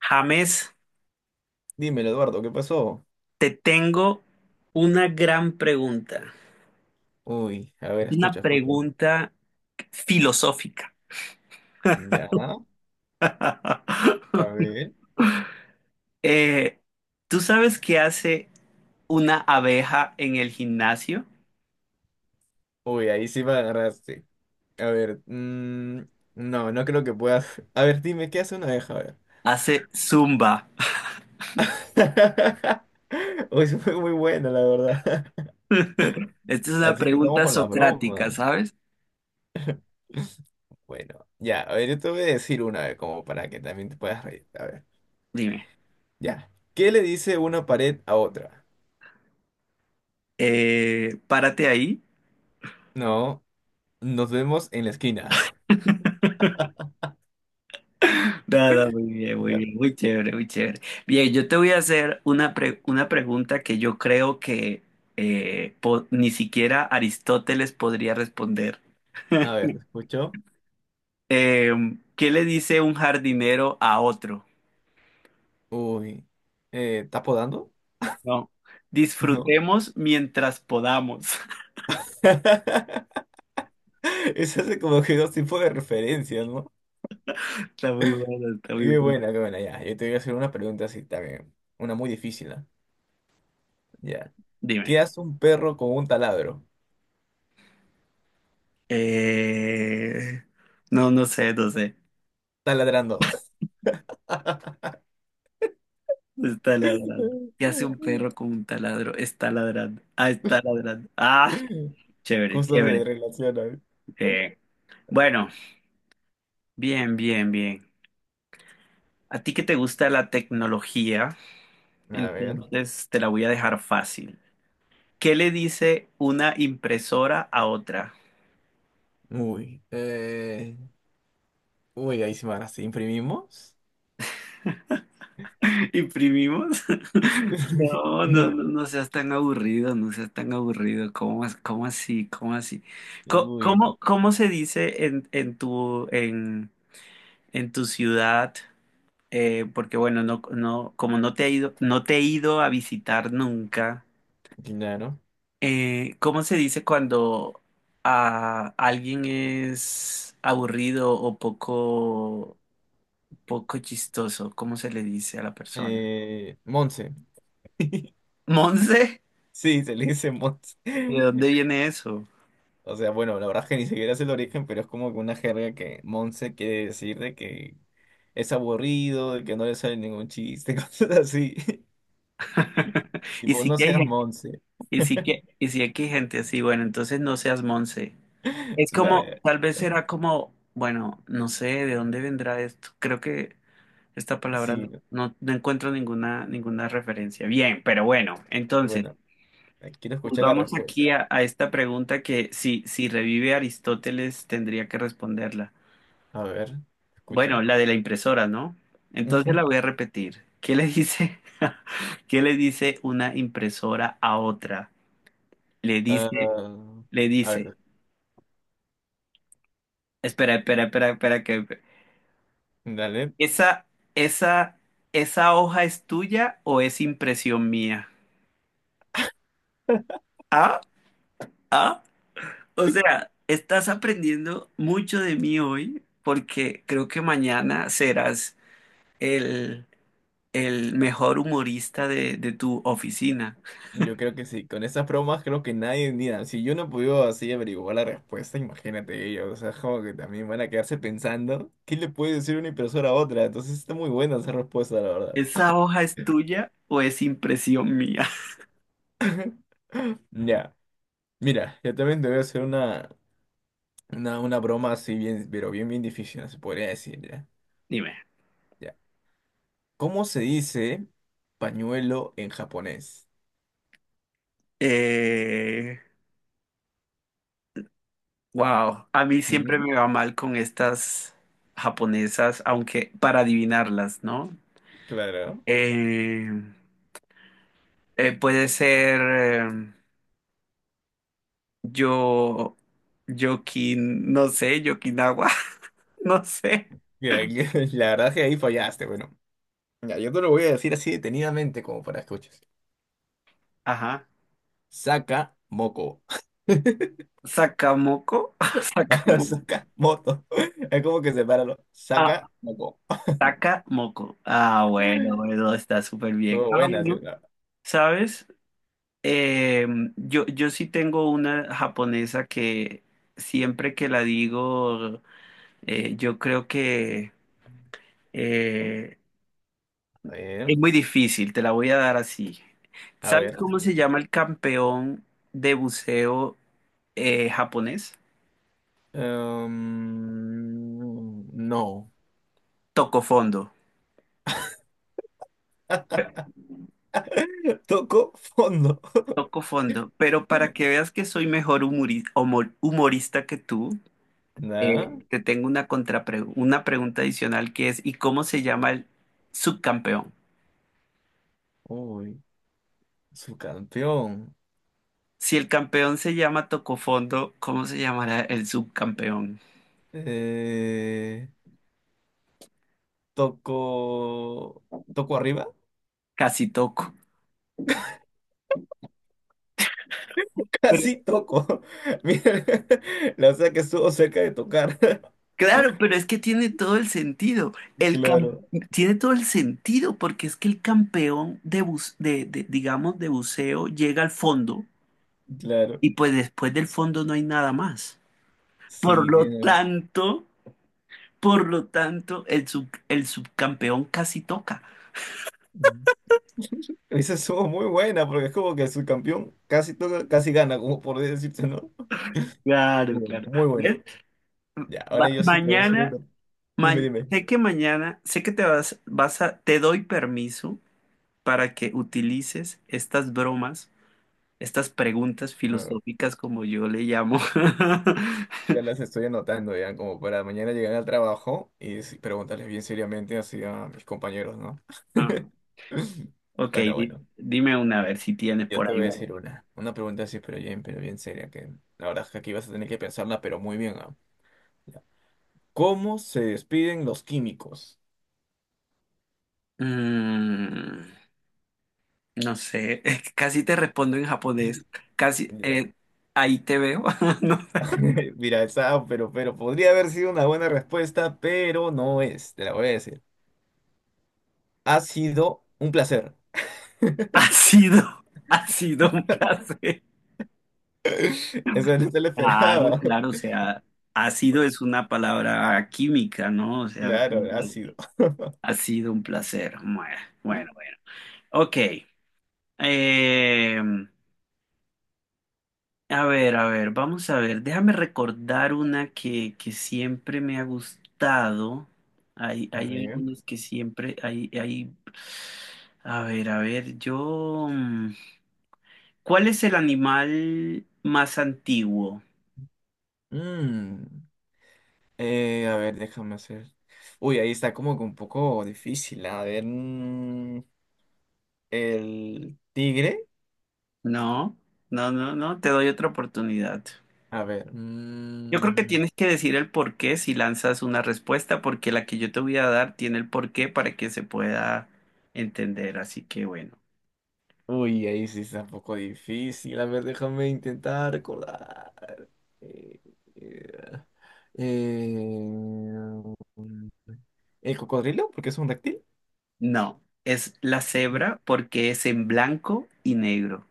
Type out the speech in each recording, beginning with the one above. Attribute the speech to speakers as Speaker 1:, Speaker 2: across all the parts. Speaker 1: James,
Speaker 2: Dímelo, Eduardo, ¿qué pasó?
Speaker 1: te tengo una gran pregunta.
Speaker 2: Uy, a
Speaker 1: Es
Speaker 2: ver,
Speaker 1: una
Speaker 2: escucha, escucha.
Speaker 1: pregunta filosófica.
Speaker 2: Ya, a ver.
Speaker 1: Eh, ¿Tú sabes qué hace una abeja en el gimnasio?
Speaker 2: Uy, ahí sí me agarraste. A ver, no creo que puedas. A ver, dime, ¿qué hace una abeja? A ver.
Speaker 1: Hace zumba.
Speaker 2: Uy, eso fue muy buena, la verdad.
Speaker 1: Esta es una
Speaker 2: Así que estamos
Speaker 1: pregunta
Speaker 2: con las
Speaker 1: socrática,
Speaker 2: bromas.
Speaker 1: ¿sabes?
Speaker 2: Bueno, ya, a ver, yo te voy a decir una vez, como para que también te puedas reír. A ver,
Speaker 1: Dime.
Speaker 2: ya. ¿Qué le dice una pared a otra?
Speaker 1: Párate ahí.
Speaker 2: No, nos vemos en la esquina.
Speaker 1: Nada, muy bien, muy
Speaker 2: Ya,
Speaker 1: bien, muy chévere, muy chévere. Bien, yo te voy a hacer una pregunta que yo creo que ni siquiera Aristóteles podría responder.
Speaker 2: a ver, ¿lo escucho?
Speaker 1: Eh, ¿Qué le dice un jardinero a otro?
Speaker 2: Uy, ¿estás podando?
Speaker 1: No.
Speaker 2: ¿No?
Speaker 1: Disfrutemos mientras podamos.
Speaker 2: Eso hace como que dos tipos de referencias, ¿no?
Speaker 1: Está muy bueno, está muy bueno.
Speaker 2: Qué buena, ya. Yo te voy a hacer una pregunta así también. Una muy difícil, ¿ah? Ya.
Speaker 1: Dime.
Speaker 2: ¿Qué hace un perro con un taladro?
Speaker 1: Eh, no, no sé, no sé.
Speaker 2: Taladrando.
Speaker 1: Está ladrando. ¿Qué hace un perro con un taladro? Está ladrando. Ah, está ladrando. Ah, chévere,
Speaker 2: Justo se
Speaker 1: chévere.
Speaker 2: relaciona, ¿eh?
Speaker 1: Eh, bueno, Bien, bien, bien. A ti que te gusta la tecnología,
Speaker 2: A ver.
Speaker 1: entonces te la voy a dejar fácil. ¿Qué le dice una impresora a otra?
Speaker 2: Uy. eh, Uy, ahí sí me agarraste. ¿Imprimimos?
Speaker 1: ¿Imprimimos? No, no, no,
Speaker 2: ¿No?
Speaker 1: no seas tan aburrido, no seas tan aburrido. ¿Cómo, cómo así? ¿Cómo así?
Speaker 2: Uy,
Speaker 1: ¿Cómo, cómo se dice en tu ciudad? Porque bueno, no, no, como no te he ido, no te he ido a visitar nunca.
Speaker 2: claro.
Speaker 1: ¿Cómo se dice cuando a alguien es aburrido o poco chistoso? ¿Cómo se le dice a la persona?
Speaker 2: Monse.
Speaker 1: ¿Monse?
Speaker 2: Sí, se le dice Monse.
Speaker 1: ¿De dónde viene eso?
Speaker 2: O sea, bueno, la verdad es que ni siquiera es el origen, pero es como que una jerga que Monse quiere decir de que es aburrido, de que no le sale ningún chiste, cosas así.
Speaker 1: Y
Speaker 2: Tipo,
Speaker 1: sí
Speaker 2: no
Speaker 1: que hay
Speaker 2: seas
Speaker 1: gente,
Speaker 2: Monse.
Speaker 1: y sí que hay gente así, bueno, entonces no seas Monse. Es como,
Speaker 2: Dale,
Speaker 1: tal vez será como, bueno, no sé de dónde vendrá esto. Creo que esta palabra
Speaker 2: sí,
Speaker 1: no, no, no encuentro ninguna, ninguna referencia. Bien, pero bueno, entonces.
Speaker 2: bueno, quiero escuchar la
Speaker 1: Volvamos aquí
Speaker 2: respuesta.
Speaker 1: a esta pregunta que si revive Aristóteles tendría que responderla.
Speaker 2: A ver,
Speaker 1: Bueno,
Speaker 2: escucho.
Speaker 1: la de la impresora, ¿no? Entonces la
Speaker 2: Ujú.
Speaker 1: voy a repetir. ¿Qué le dice? ¿Qué le dice una impresora a otra? Le dice,
Speaker 2: Ah,
Speaker 1: le
Speaker 2: a
Speaker 1: dice,
Speaker 2: ver,
Speaker 1: Espera, espera, espera, espera, que
Speaker 2: dale.
Speaker 1: esa, esa, ¿esa hoja es tuya o es impresión mía? Ah, ah, o sea, estás aprendiendo mucho de mí hoy porque creo que mañana serás el, el mejor humorista de tu oficina.
Speaker 2: Yo creo que sí, con esas bromas creo que nadie, mira, si yo no pude así averiguar la respuesta, imagínate ellos, o sea, como que también van a quedarse pensando, ¿qué le puede decir una impresora a otra? Entonces está muy buena esa respuesta, la verdad.
Speaker 1: ¿Esa hoja es tuya o es impresión mía?
Speaker 2: Ya, mira, yo también te voy a hacer una broma así bien, pero bien, bien difícil, se podría decir, ya.
Speaker 1: Dime.
Speaker 2: Ya. ¿Cómo se dice pañuelo en japonés?
Speaker 1: Eh, wow, a mí siempre
Speaker 2: ¿Mm?
Speaker 1: me va mal con estas japonesas, aunque para adivinarlas, ¿no?
Speaker 2: Claro.
Speaker 1: Eh, Puede ser eh, yo, Yokin, no sé, Yokinawa, no sé.
Speaker 2: Ya, la verdad es que ahí fallaste, bueno. Ya, yo te lo voy a decir así detenidamente como para escuchar.
Speaker 1: Ajá.
Speaker 2: Saca moco.
Speaker 1: Sakamoko, Sakamoko.
Speaker 2: Saca moto. Es como que sepáralo.
Speaker 1: Ah,
Speaker 2: Saca moco.
Speaker 1: Taca moco. Ah, bueno, bueno, está súper bien.
Speaker 2: Estuvo
Speaker 1: Ah,
Speaker 2: buena, sí,
Speaker 1: bueno.
Speaker 2: la-
Speaker 1: ¿Sabes? Eh, yo sí tengo una japonesa que siempre que la digo, yo creo que eh,
Speaker 2: A ver,
Speaker 1: es muy difícil, te la voy a dar así.
Speaker 2: a
Speaker 1: ¿Sabes
Speaker 2: ver, te
Speaker 1: cómo se
Speaker 2: escucho.
Speaker 1: llama el campeón de buceo japonés?
Speaker 2: Em, no.
Speaker 1: Toco fondo.
Speaker 2: Tocó fondo.
Speaker 1: Toco fondo. Pero para que veas que soy mejor humorista que tú.
Speaker 2: Nada.
Speaker 1: Te tengo una una pregunta adicional que es, ¿y cómo se llama el subcampeón?
Speaker 2: Uy, su campeón.
Speaker 1: Si el campeón se llama Tocofondo, ¿cómo se llamará el subcampeón?
Speaker 2: Eh, toco. ¿Toco arriba?
Speaker 1: Casi Toco.
Speaker 2: Casi
Speaker 1: Pero-
Speaker 2: toco. Mira, la verdad que estuvo cerca de tocar.
Speaker 1: claro, pero es que tiene todo el sentido. El cam-
Speaker 2: Claro,
Speaker 1: Tiene todo el sentido porque es que el campeón de, bus- de, digamos, de buceo llega al fondo
Speaker 2: claro.
Speaker 1: y pues después del fondo no hay nada más. Por
Speaker 2: Sí,
Speaker 1: lo
Speaker 2: tiene.
Speaker 1: tanto, por lo tanto, el subcampeón casi toca.
Speaker 2: Mm. Esa estuvo muy buena porque es como que el subcampeón casi toca, casi gana, como por decirte, ¿no? Muy
Speaker 1: Claro,
Speaker 2: buena,
Speaker 1: claro.
Speaker 2: muy buena.
Speaker 1: ¿Ves?
Speaker 2: Ya,
Speaker 1: Va-
Speaker 2: ahora yo sí te voy a hacer
Speaker 1: mañana,
Speaker 2: uno.
Speaker 1: ma-
Speaker 2: Dime, dime.
Speaker 1: Sé que mañana, sé que vas a, te doy permiso para que utilices estas bromas, estas preguntas
Speaker 2: No, no,
Speaker 1: filosóficas como yo le llamo.
Speaker 2: Ya las estoy anotando, ya, como para mañana llegar al trabajo y sí, preguntarles bien seriamente así a mis compañeros, ¿no?
Speaker 1: Ah, ok,
Speaker 2: Bueno, bueno.
Speaker 1: dime una, a ver si tienes
Speaker 2: Yo
Speaker 1: por
Speaker 2: te
Speaker 1: ahí.
Speaker 2: voy a
Speaker 1: Una.
Speaker 2: decir una. Una pregunta así, pero bien seria, que la verdad es que aquí vas a tener que pensarla, pero muy bien, ¿ah? Ya. ¿Cómo se despiden los químicos?
Speaker 1: Mm, no sé, es que casi te respondo en japonés. Casi,
Speaker 2: Ya.
Speaker 1: ahí te veo. No,
Speaker 2: Mira, esa, pero podría haber sido una buena respuesta, pero no es, te la voy a decir. Ha sido un placer.
Speaker 1: ha sido, ha sido un placer.
Speaker 2: Eso no te lo
Speaker 1: Claro,
Speaker 2: esperaba.
Speaker 1: claro, o sea, ácido es una palabra química, ¿no? O sea,
Speaker 2: Claro, ha sido.
Speaker 1: ha sido un placer. Bueno, bueno, bueno. Ok. Eh, a ver, a ver, vamos a ver. Déjame recordar una que siempre me ha gustado. Hay,
Speaker 2: A
Speaker 1: hay
Speaker 2: ver.
Speaker 1: algunos que siempre, hay... a ver, ¿cuál es el animal más antiguo?
Speaker 2: Mm, a ver, déjame hacer. Uy, ahí está como que un poco difícil. A ver, el tigre.
Speaker 1: No, no, no, no, te doy otra oportunidad.
Speaker 2: A ver.
Speaker 1: Yo creo que tienes que decir el por qué si lanzas una respuesta, porque la que yo te voy a dar tiene el por qué para que se pueda entender. Así que bueno,
Speaker 2: Uy, ahí sí está un poco difícil. A ver, déjame intentar recordar. Eh, eh, eh, ¿El cocodrilo? Porque es un reptil.
Speaker 1: no, es la cebra porque es en blanco y negro.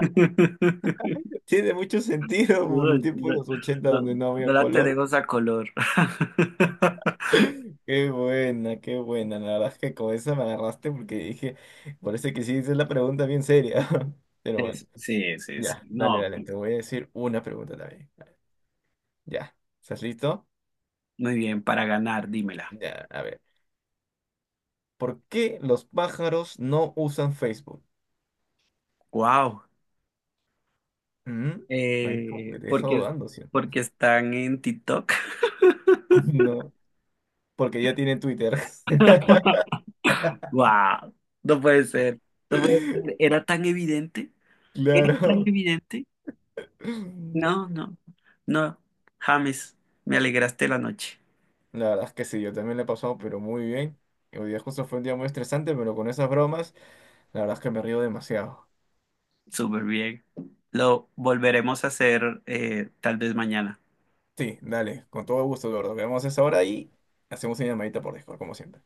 Speaker 2: Tiene mucho sentido por
Speaker 1: No,
Speaker 2: el tiempo
Speaker 1: no,
Speaker 2: de los ochenta
Speaker 1: no,
Speaker 2: donde no
Speaker 1: no
Speaker 2: había
Speaker 1: la
Speaker 2: color.
Speaker 1: tenemos a color.
Speaker 2: Qué buena, qué buena. La verdad es que con esa me agarraste porque dije, parece que sí, esa es la pregunta bien seria. Pero bueno,
Speaker 1: Es- sí, sí, sí.
Speaker 2: ya, dale,
Speaker 1: No,
Speaker 2: dale,
Speaker 1: pues,
Speaker 2: te voy a decir una pregunta también. Ya, ¿estás listo?
Speaker 1: muy bien, para ganar, dímela.
Speaker 2: Ya, a ver. ¿Por qué los pájaros no usan Facebook?
Speaker 1: Wow.
Speaker 2: ¿Mm? Me deja
Speaker 1: Eh,
Speaker 2: me deja
Speaker 1: porque,
Speaker 2: dudando, ¿sí?
Speaker 1: Porque están en TikTok.
Speaker 2: No, porque ya tienen Twitter.
Speaker 1: Wow, no puede ser, no puede ser. Era tan evidente, era tan
Speaker 2: Claro.
Speaker 1: evidente. No, no, no. James, me alegraste la noche.
Speaker 2: La verdad es que sí, yo también le he pasado, pero muy bien. Y hoy día justo fue un día muy estresante, pero con esas bromas, la verdad es que me río demasiado.
Speaker 1: Súper bien. Lo volveremos a hacer tal vez mañana.
Speaker 2: Sí, dale, con todo gusto, Eduardo. Quedamos a esa hora y hacemos una llamadita por Discord, como siempre.